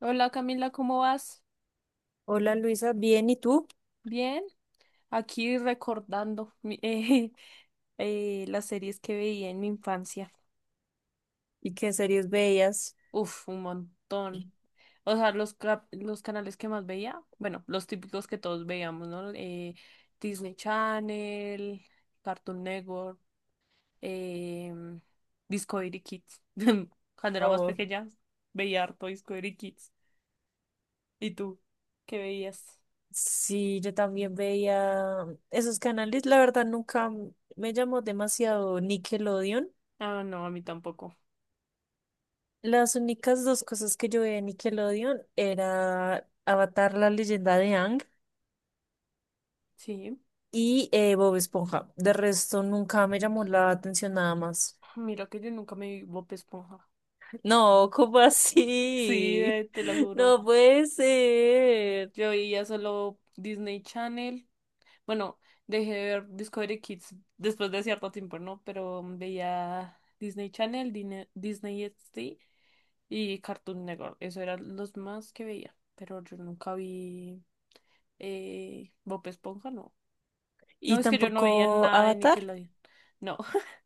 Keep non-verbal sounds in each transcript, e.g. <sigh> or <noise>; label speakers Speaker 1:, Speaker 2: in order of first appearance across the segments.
Speaker 1: Hola Camila, ¿cómo vas?
Speaker 2: Hola Luisa, bien, ¿y tú?
Speaker 1: Bien, aquí recordando <laughs> las series que veía en mi infancia.
Speaker 2: ¿Y qué series veías?
Speaker 1: Uf, un montón. O sea, los canales que más veía, bueno, los típicos que todos veíamos, ¿no? Disney Channel, Cartoon Network, em, Discovery Kids. <laughs> Cuando era más
Speaker 2: Oh.
Speaker 1: pequeña, veía harto Discovery Kids. ¿Y tú? ¿Qué veías?
Speaker 2: Sí, yo también veía esos canales, la verdad nunca me llamó demasiado Nickelodeon.
Speaker 1: Ah, no, a mí tampoco.
Speaker 2: Las únicas dos cosas que yo veía en Nickelodeon era Avatar, la leyenda de Aang
Speaker 1: Sí.
Speaker 2: y Bob Esponja. De resto, nunca me llamó la atención nada más.
Speaker 1: Mira que yo nunca me vi Bob Esponja.
Speaker 2: No, ¿cómo
Speaker 1: <laughs> Sí,
Speaker 2: así?
Speaker 1: te lo
Speaker 2: <laughs>
Speaker 1: juro.
Speaker 2: No puede ser.
Speaker 1: Yo veía solo Disney Channel. Bueno, dejé de ver Discovery Kids después de cierto tiempo, ¿no? Pero veía Disney Channel, Disney XD y Cartoon Network. Eso eran los más que veía. Pero yo nunca vi Bob Esponja, no. No,
Speaker 2: Y
Speaker 1: es que yo no veía
Speaker 2: tampoco
Speaker 1: nada de
Speaker 2: Avatar.
Speaker 1: Nickelodeon. No, <laughs>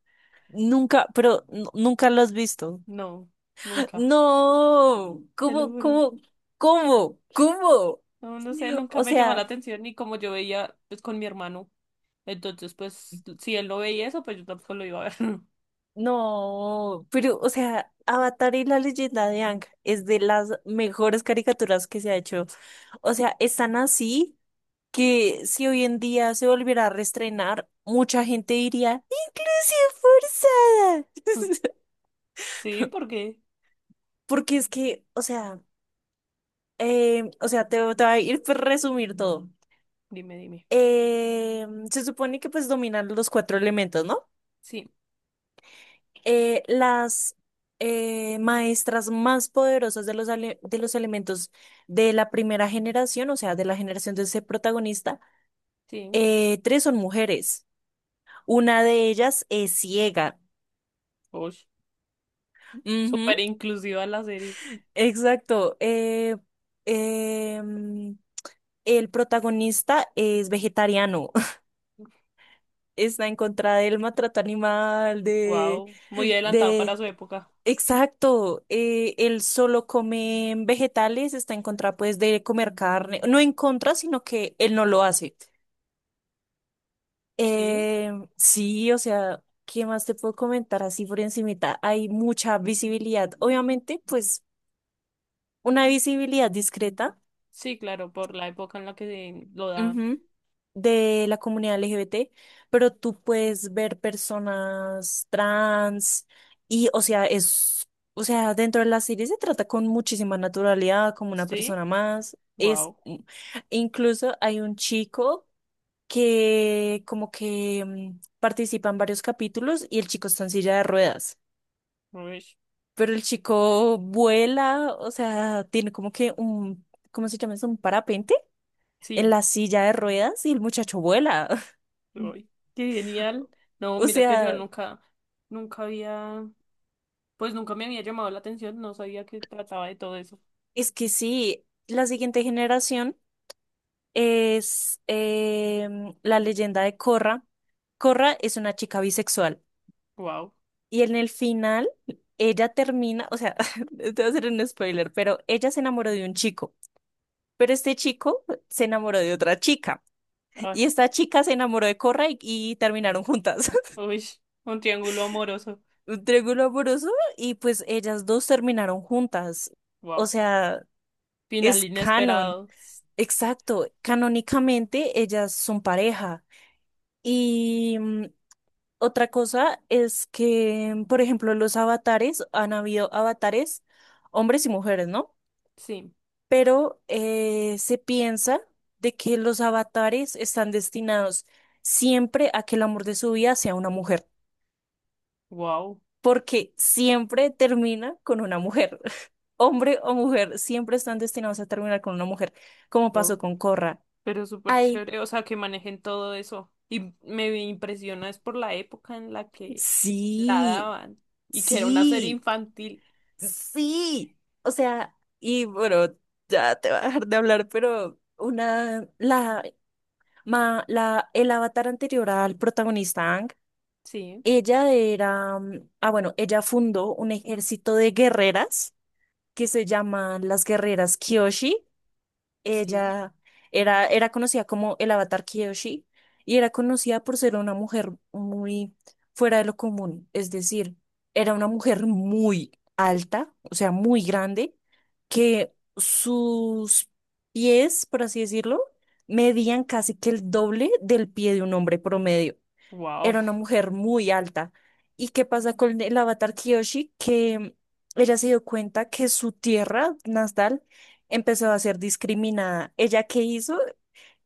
Speaker 2: Nunca, pero nunca lo has visto.
Speaker 1: no,
Speaker 2: <laughs>
Speaker 1: nunca.
Speaker 2: No,
Speaker 1: Te lo
Speaker 2: ¿cómo,
Speaker 1: juro.
Speaker 2: cómo, cómo, cómo?
Speaker 1: No, no sé, nunca
Speaker 2: O
Speaker 1: me llamó la
Speaker 2: sea,
Speaker 1: atención y como yo veía pues con mi hermano. Entonces, pues, si él no veía eso, pues yo tampoco lo iba a ver. <laughs>
Speaker 2: no, pero, o sea, Avatar y la leyenda de Ang es de las mejores caricaturas que se ha hecho. O sea, están así, que si hoy en día se volviera a reestrenar, mucha gente diría, ¡ilusión forzada!
Speaker 1: Sí, porque,
Speaker 2: <laughs> Porque es que, o sea, te voy a ir por resumir todo.
Speaker 1: dime, dime.
Speaker 2: Se supone que pues dominan los cuatro elementos, ¿no?
Speaker 1: Sí,
Speaker 2: Las maestras más poderosas de de los elementos de la primera generación, o sea, de la generación de ese protagonista,
Speaker 1: sí.
Speaker 2: tres son mujeres. Una de ellas es ciega.
Speaker 1: Uy,
Speaker 2: Ujú.
Speaker 1: súper inclusiva la serie.
Speaker 2: Exacto. Em, el protagonista es vegetariano. <laughs> Está en contra del maltrato animal,
Speaker 1: Wow, muy adelantado para
Speaker 2: de,
Speaker 1: su época.
Speaker 2: exacto. Él solo come vegetales, está en contra, pues, de comer carne. No en contra, sino que él no lo hace.
Speaker 1: Sí,
Speaker 2: Em, sí, o sea, ¿qué más te puedo comentar así por encimita? Hay mucha visibilidad. Obviamente, pues, una visibilidad discreta,
Speaker 1: sí, claro, por la época en la que se lo daban.
Speaker 2: ujú, de la comunidad LGBT, pero tú puedes ver personas trans y, o sea, es, o sea, dentro de la serie se trata con muchísima naturalidad, como una
Speaker 1: Sí,
Speaker 2: persona más. Es,
Speaker 1: wow.
Speaker 2: incluso hay un chico que como que participa en varios capítulos y el chico está en silla de ruedas. Pero el chico vuela, o sea, tiene como que un, ¿cómo se llama eso? Un parapente en
Speaker 1: Sí,
Speaker 2: la silla de ruedas y el muchacho vuela.
Speaker 1: uy, qué genial. No,
Speaker 2: O
Speaker 1: mira que yo
Speaker 2: sea,
Speaker 1: nunca, nunca había, pues nunca me había llamado la atención, no sabía que trataba de todo eso.
Speaker 2: es que sí, la siguiente generación es la leyenda de Corra. Corra es una chica bisexual
Speaker 1: Wow,
Speaker 2: y en el final ella termina, o sea, <laughs> te voy a hacer un spoiler, pero ella se enamoró de un chico, pero este chico se enamoró de otra chica
Speaker 1: ay,
Speaker 2: y esta chica se enamoró de Corra y terminaron juntas. <laughs>
Speaker 1: uy, un triángulo amoroso.
Speaker 2: Un triángulo amoroso y pues ellas dos terminaron juntas. O
Speaker 1: Wow.
Speaker 2: sea,
Speaker 1: Final
Speaker 2: es canon.
Speaker 1: inesperado.
Speaker 2: Exacto, canónicamente ellas son pareja. Y otra cosa es que, por ejemplo, han habido avatares, hombres y mujeres, ¿no?
Speaker 1: Sí.
Speaker 2: Pero se piensa de que los avatares están destinados siempre a que el amor de su vida sea una mujer,
Speaker 1: Wow.
Speaker 2: porque siempre termina con una mujer. <laughs> Hombre o mujer, siempre están destinados a terminar con una mujer, como pasó
Speaker 1: Oh,
Speaker 2: con Corra.
Speaker 1: pero súper
Speaker 2: Ay,
Speaker 1: chévere. O sea, que manejen todo eso. Y me impresiona es por la época en la que la
Speaker 2: sí.
Speaker 1: daban. Y que era una serie
Speaker 2: Sí,
Speaker 1: infantil.
Speaker 2: sí. O sea, y bueno, ya te voy a dejar de hablar, pero una, la, ma, la, el avatar anterior al protagonista Aang,
Speaker 1: Sí,
Speaker 2: ella era, bueno, ella fundó un ejército de guerreras que se llaman las guerreras Kyoshi.
Speaker 1: sí.
Speaker 2: Ella era conocida como el Avatar Kiyoshi y era conocida por ser una mujer muy fuera de lo común. Es decir, era una mujer muy alta, o sea, muy grande, que sus pies, por así decirlo, medían casi que el doble del pie de un hombre promedio.
Speaker 1: Wow.
Speaker 2: Era una mujer muy alta. ¿Y qué pasa con el avatar Kiyoshi? Que ella se dio cuenta que su tierra natal empezó a ser discriminada. ¿Ella qué hizo?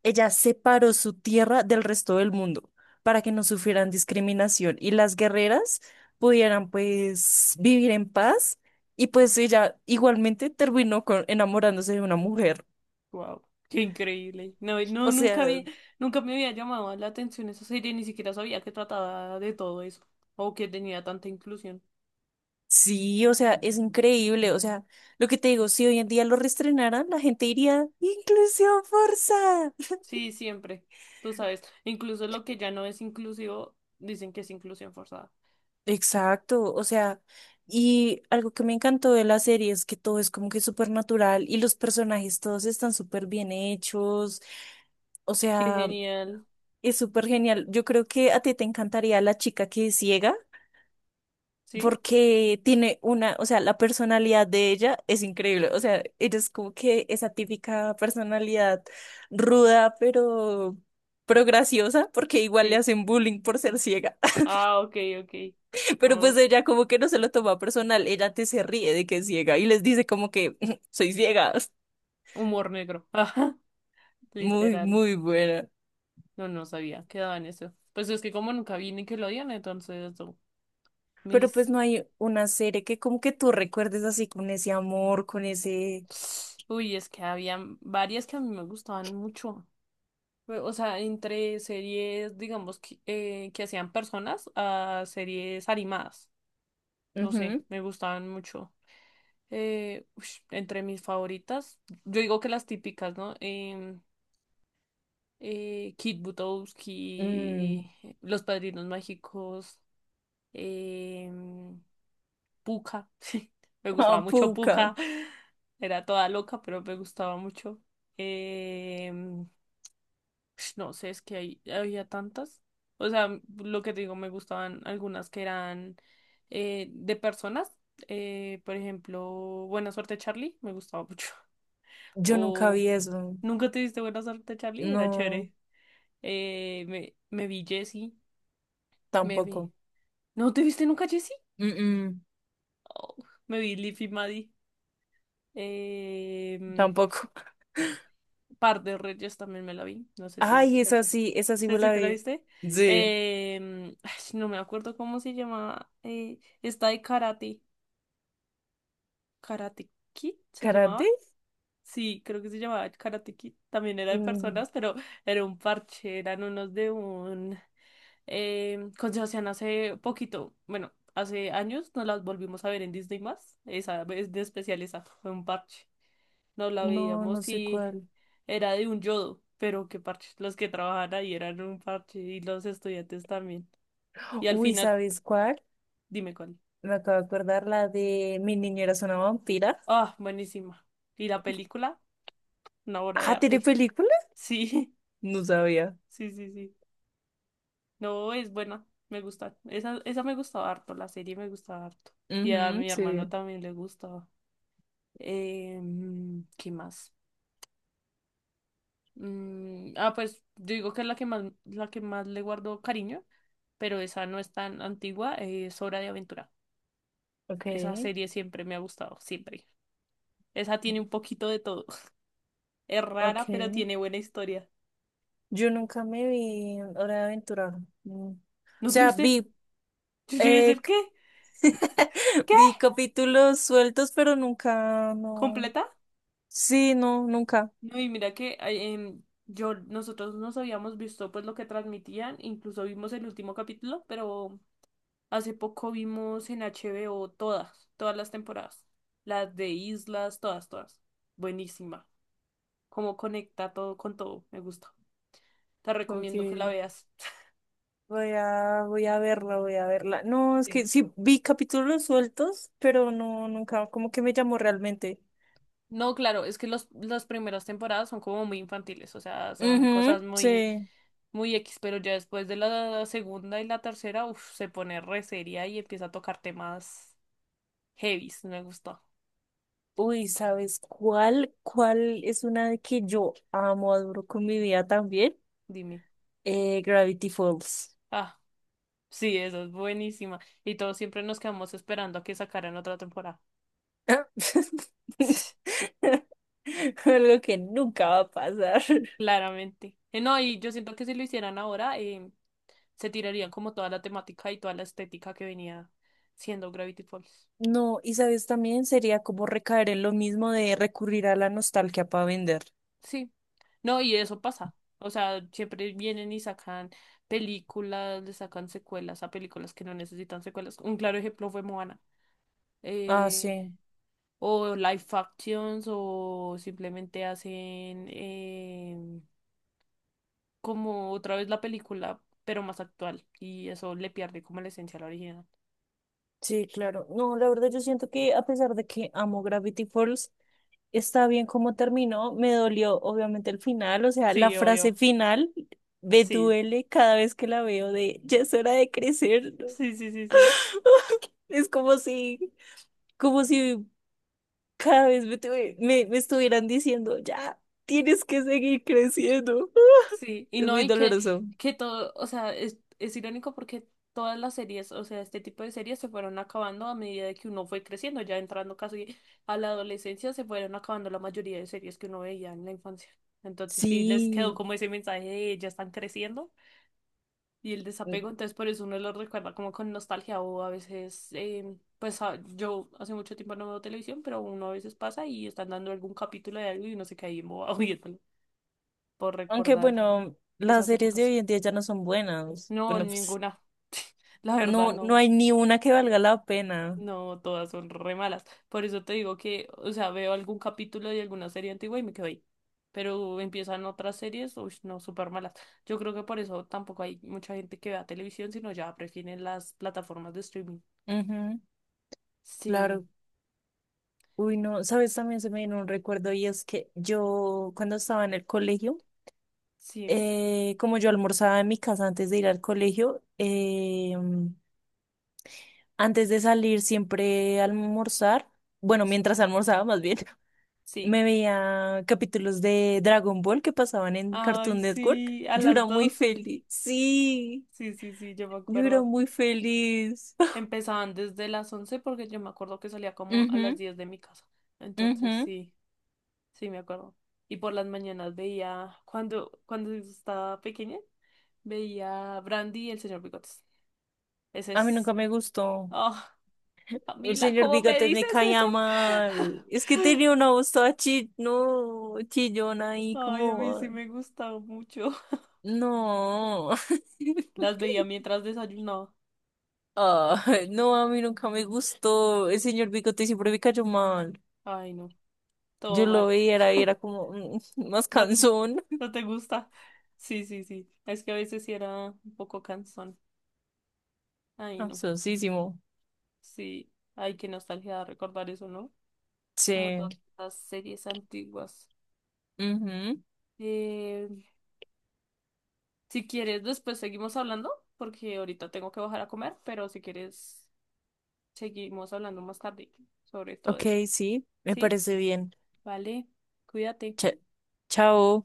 Speaker 2: Ella separó su tierra del resto del mundo para que no sufrieran discriminación y las guerreras pudieran pues vivir en paz. Y pues ella igualmente terminó con, enamorándose de una mujer.
Speaker 1: Wow. Qué increíble. No, no,
Speaker 2: O
Speaker 1: nunca
Speaker 2: sea,
Speaker 1: vi, nunca me había llamado la atención esa serie, ni siquiera sabía que trataba de todo eso. O que tenía tanta inclusión.
Speaker 2: sí, o sea, es increíble. O sea, lo que te digo, si hoy en día lo reestrenaran, la gente diría, inclusión forzada.
Speaker 1: Sí, siempre. Tú sabes. Incluso lo que ya no es inclusivo, dicen que es inclusión forzada.
Speaker 2: Exacto, o sea, y algo que me encantó de la serie es que todo es como que súper natural y los personajes todos están súper bien hechos. O
Speaker 1: Qué
Speaker 2: sea,
Speaker 1: genial.
Speaker 2: es súper genial. Yo creo que a ti te encantaría la chica que es ciega,
Speaker 1: ¿Sí?
Speaker 2: porque tiene una, o sea, la personalidad de ella es increíble, o sea, ella es como que esa típica personalidad ruda, pero graciosa, porque igual le
Speaker 1: Sí.
Speaker 2: hacen bullying por ser ciega,
Speaker 1: Ah, ok, ok.
Speaker 2: <laughs> pero
Speaker 1: Ah,
Speaker 2: pues ella como que no se lo toma personal, ella te se ríe de que es ciega y les dice como que <laughs> soy ciega,
Speaker 1: humor negro. <laughs> Ajá,
Speaker 2: muy,
Speaker 1: literal.
Speaker 2: muy buena.
Speaker 1: No, no sabía. Quedaba en eso. Pues es que como nunca vi Nickelodeon, entonces no,
Speaker 2: Pero pues
Speaker 1: mis.
Speaker 2: no hay una serie que como que tú recuerdes así con ese amor, con ese...
Speaker 1: Uy, es que había varias que a mí me gustaban mucho. O sea, entre series, digamos, que hacían personas a series animadas. No sé,
Speaker 2: Ujú.
Speaker 1: me gustaban mucho. Entre mis favoritas, yo digo que las típicas, ¿no? Kit Butowski,
Speaker 2: Mm.
Speaker 1: Los Padrinos Mágicos, em, Pucca. <laughs> Me
Speaker 2: <laughs>
Speaker 1: gustaba
Speaker 2: Ah,
Speaker 1: mucho
Speaker 2: puca.
Speaker 1: Pucca. Era toda loca, pero me gustaba mucho. Em, <sniffs> no sé, es que había tantas. O sea, lo que te digo, me gustaban algunas que eran de personas. Por ejemplo, Buena Suerte Charlie, me gustaba mucho. <laughs>
Speaker 2: Yo nunca
Speaker 1: O
Speaker 2: vi eso.
Speaker 1: Nunca te diste Buena Suerte Charlie, era
Speaker 2: No,
Speaker 1: chévere. Me vi Jessie. Me vi.
Speaker 2: tampoco.
Speaker 1: ¿No te viste nunca, Jessie?
Speaker 2: Mm, mm,
Speaker 1: Me vi Liv y Maddie. Em,
Speaker 2: tampoco. <laughs>
Speaker 1: Par de Reyes también me la vi. No sé si los
Speaker 2: Ay,
Speaker 1: quitaste.
Speaker 2: esa sí
Speaker 1: Sé
Speaker 2: me
Speaker 1: si
Speaker 2: la
Speaker 1: te la
Speaker 2: vi.
Speaker 1: viste?
Speaker 2: Sí.
Speaker 1: Ay, no me acuerdo cómo se llamaba, esta de Karate. ¿Karate Kid se
Speaker 2: ¿Karate?
Speaker 1: llamaba? Sí, creo que se llamaba Karate Kid. También era de
Speaker 2: Mm,
Speaker 1: personas, pero era un parche. Eran unos de un. Con Sebastián hace poquito, bueno, hace años nos las volvimos a ver en Disney más. Esa vez de especial, esa fue un parche. Nos la
Speaker 2: no, no
Speaker 1: veíamos
Speaker 2: sé
Speaker 1: y
Speaker 2: cuál.
Speaker 1: era de un yodo, pero qué parche. Los que trabajaban ahí eran un parche y los estudiantes también. Y al
Speaker 2: Uy,
Speaker 1: final,
Speaker 2: ¿sabes cuál?
Speaker 1: dime cuál.
Speaker 2: Me acabo de acordar la de Mi niñera es una vampira.
Speaker 1: Ah, buenísima. ¿Y la película? Una obra de
Speaker 2: Ah, ¿tiene
Speaker 1: arte.
Speaker 2: película?
Speaker 1: Sí,
Speaker 2: No sabía.
Speaker 1: <laughs> sí, sí, sí. No, es buena. Me gusta. Esa me gustaba harto, la serie me gustaba harto. Y a
Speaker 2: Ujú,
Speaker 1: mi hermano
Speaker 2: sí.
Speaker 1: también le gustaba. ¿Qué más? Pues yo digo que es la que más, le guardo cariño, pero esa no es tan antigua, es Hora de Aventura.
Speaker 2: Ok,
Speaker 1: Esa serie siempre me ha gustado, siempre. Esa tiene un poquito de todo. <laughs> Es
Speaker 2: ok.
Speaker 1: rara, pero tiene buena historia.
Speaker 2: Yo nunca me vi en Hora de Aventura. Mm. O
Speaker 1: ¿No te
Speaker 2: sea,
Speaker 1: viste? Yo llegué a
Speaker 2: eh,
Speaker 1: decir, ¿qué?
Speaker 2: <laughs>
Speaker 1: ¿Qué?
Speaker 2: vi capítulos sueltos, pero nunca, no.
Speaker 1: ¿Completa?
Speaker 2: Sí, no, nunca.
Speaker 1: No, y mira que nosotros nos habíamos visto pues lo que transmitían, incluso vimos el último capítulo, pero hace poco vimos en HBO todas, todas las temporadas. Las de Islas, todas, todas. Buenísima. Cómo conecta todo con todo. Me gusta. Te recomiendo que la
Speaker 2: Porque
Speaker 1: veas. <laughs>
Speaker 2: voy a verla, voy a verla. No, es que
Speaker 1: Sí.
Speaker 2: sí, vi capítulos sueltos, pero no, nunca, como que me llamó realmente.
Speaker 1: No, claro, es que las primeras temporadas son como muy infantiles, o sea, son cosas
Speaker 2: Ujú, sí.
Speaker 1: muy, muy X, pero ya después de la segunda y la tercera, uf, se pone re seria y empieza a tocar temas heavies, me gustó,
Speaker 2: Uy, ¿sabes cuál? ¿Cuál es una que yo amo, adoro con mi vida también?
Speaker 1: dime.
Speaker 2: Gravity Falls.
Speaker 1: Ah, sí, eso es buenísima. Y todos siempre nos quedamos esperando a que sacaran otra temporada.
Speaker 2: <laughs> Algo que nunca va a pasar.
Speaker 1: Claramente. No, y yo siento que si lo hicieran ahora, se tirarían como toda la temática y toda la estética que venía siendo Gravity Falls.
Speaker 2: No, y sabes, también sería como recaer en lo mismo de recurrir a la nostalgia para vender.
Speaker 1: Sí. No, y eso pasa. O sea, siempre vienen y sacan películas, le sacan secuelas a películas que no necesitan secuelas. Un claro ejemplo fue Moana.
Speaker 2: Ah,
Speaker 1: Eh,
Speaker 2: sí,
Speaker 1: o live actions, o simplemente hacen como otra vez la película, pero más actual. Y eso le pierde como la esencia a la original.
Speaker 2: sí, claro. No, la verdad yo siento que a pesar de que amo Gravity Falls, está bien como terminó. Me dolió obviamente el final, o sea, la
Speaker 1: Sí,
Speaker 2: frase
Speaker 1: obvio.
Speaker 2: final me
Speaker 1: Sí,
Speaker 2: duele cada vez que la veo de ya es hora de crecer, ¿no?
Speaker 1: sí, sí, sí, sí.
Speaker 2: <laughs> Es como si cada vez me estuvieran diciendo ya tienes que seguir creciendo. <laughs>
Speaker 1: Sí, y
Speaker 2: Es
Speaker 1: no,
Speaker 2: muy
Speaker 1: y que,
Speaker 2: doloroso.
Speaker 1: que todo, o sea, es irónico porque todas las series, o sea, este tipo de series se fueron acabando a medida de que uno fue creciendo, ya entrando casi a la adolescencia, se fueron acabando la mayoría de series que uno veía en la infancia. Entonces sí, les quedó
Speaker 2: Sí.
Speaker 1: como ese mensaje de ya están creciendo, y el desapego, entonces por eso uno lo recuerda como con nostalgia o a veces, pues yo hace mucho tiempo no veo televisión, pero uno a veces pasa y están dando algún capítulo de algo y uno se cae embobado <laughs> viéndolo por
Speaker 2: Aunque
Speaker 1: recordar
Speaker 2: bueno, las
Speaker 1: esas
Speaker 2: series de
Speaker 1: épocas.
Speaker 2: hoy en día ya no son buenas.
Speaker 1: No,
Speaker 2: Bueno, pues
Speaker 1: ninguna. <laughs> La verdad,
Speaker 2: no, no
Speaker 1: no.
Speaker 2: hay ni una que valga la pena.
Speaker 1: No, todas son re malas. Por eso te digo que, o sea, veo algún capítulo de alguna serie antigua y me quedo ahí. Pero empiezan otras series, uy, no, súper malas. Yo creo que por eso tampoco hay mucha gente que vea televisión, sino ya prefieren las plataformas de streaming.
Speaker 2: Ujú,
Speaker 1: Sí,
Speaker 2: claro. Uy, no, sabes, también se me vino un recuerdo y es que yo cuando estaba en el colegio,
Speaker 1: sí,
Speaker 2: como yo almorzaba en mi casa antes de ir al colegio, antes de salir siempre a almorzar, bueno,
Speaker 1: s-
Speaker 2: mientras almorzaba más bien, <laughs>
Speaker 1: sí.
Speaker 2: me veía capítulos de Dragon Ball que pasaban en
Speaker 1: Ay,
Speaker 2: Cartoon Network.
Speaker 1: sí, a
Speaker 2: Yo era
Speaker 1: las
Speaker 2: muy
Speaker 1: 12.
Speaker 2: feliz. Sí.
Speaker 1: Sí, sí, sí, yo me
Speaker 2: Yo era
Speaker 1: acuerdo.
Speaker 2: muy feliz. <laughs>
Speaker 1: Empezaban desde las 11 porque yo me acuerdo que salía como a las
Speaker 2: Ujú,
Speaker 1: 10 de mi casa. Entonces,
Speaker 2: ujú.
Speaker 1: sí, sí, me acuerdo. Y por las mañanas veía, cuando estaba pequeña, veía a Brandy y el señor Bigotes. Ese
Speaker 2: A mí nunca
Speaker 1: es...
Speaker 2: me gustó.
Speaker 1: Oh,
Speaker 2: El
Speaker 1: Camila,
Speaker 2: señor
Speaker 1: ¿cómo me
Speaker 2: Bigate me
Speaker 1: dices eso?
Speaker 2: caía mal. Es que tenía
Speaker 1: <laughs>
Speaker 2: una voz toda no, chillona y
Speaker 1: Ay, a mí
Speaker 2: como...
Speaker 1: sí me gustaba mucho. <laughs>
Speaker 2: No.
Speaker 1: Las
Speaker 2: <laughs>
Speaker 1: veía mientras desayunaba.
Speaker 2: Ah, no, a mí nunca me gustó. El señor Bigote siempre me cayó mal.
Speaker 1: Ay, no.
Speaker 2: Yo
Speaker 1: Todo
Speaker 2: lo
Speaker 1: mal.
Speaker 2: veía, era, y
Speaker 1: <laughs>
Speaker 2: era como <laughs> más
Speaker 1: No,
Speaker 2: cansón.
Speaker 1: no te gusta. Sí, sí, sí. Es que a veces sí era un poco cansón. Ay, no.
Speaker 2: Cansoncísimo.
Speaker 1: Sí. Ay, qué nostalgia recordar eso, ¿no? Como
Speaker 2: Sí.
Speaker 1: todas las series antiguas.
Speaker 2: Ujú.
Speaker 1: Eh, si quieres, después seguimos hablando, porque ahorita tengo que bajar a comer, pero si quieres, seguimos hablando más tarde sobre todo
Speaker 2: Ok,
Speaker 1: eso.
Speaker 2: sí, me
Speaker 1: ¿Sí?
Speaker 2: parece bien.
Speaker 1: Vale. Cuídate.
Speaker 2: Cha- chao.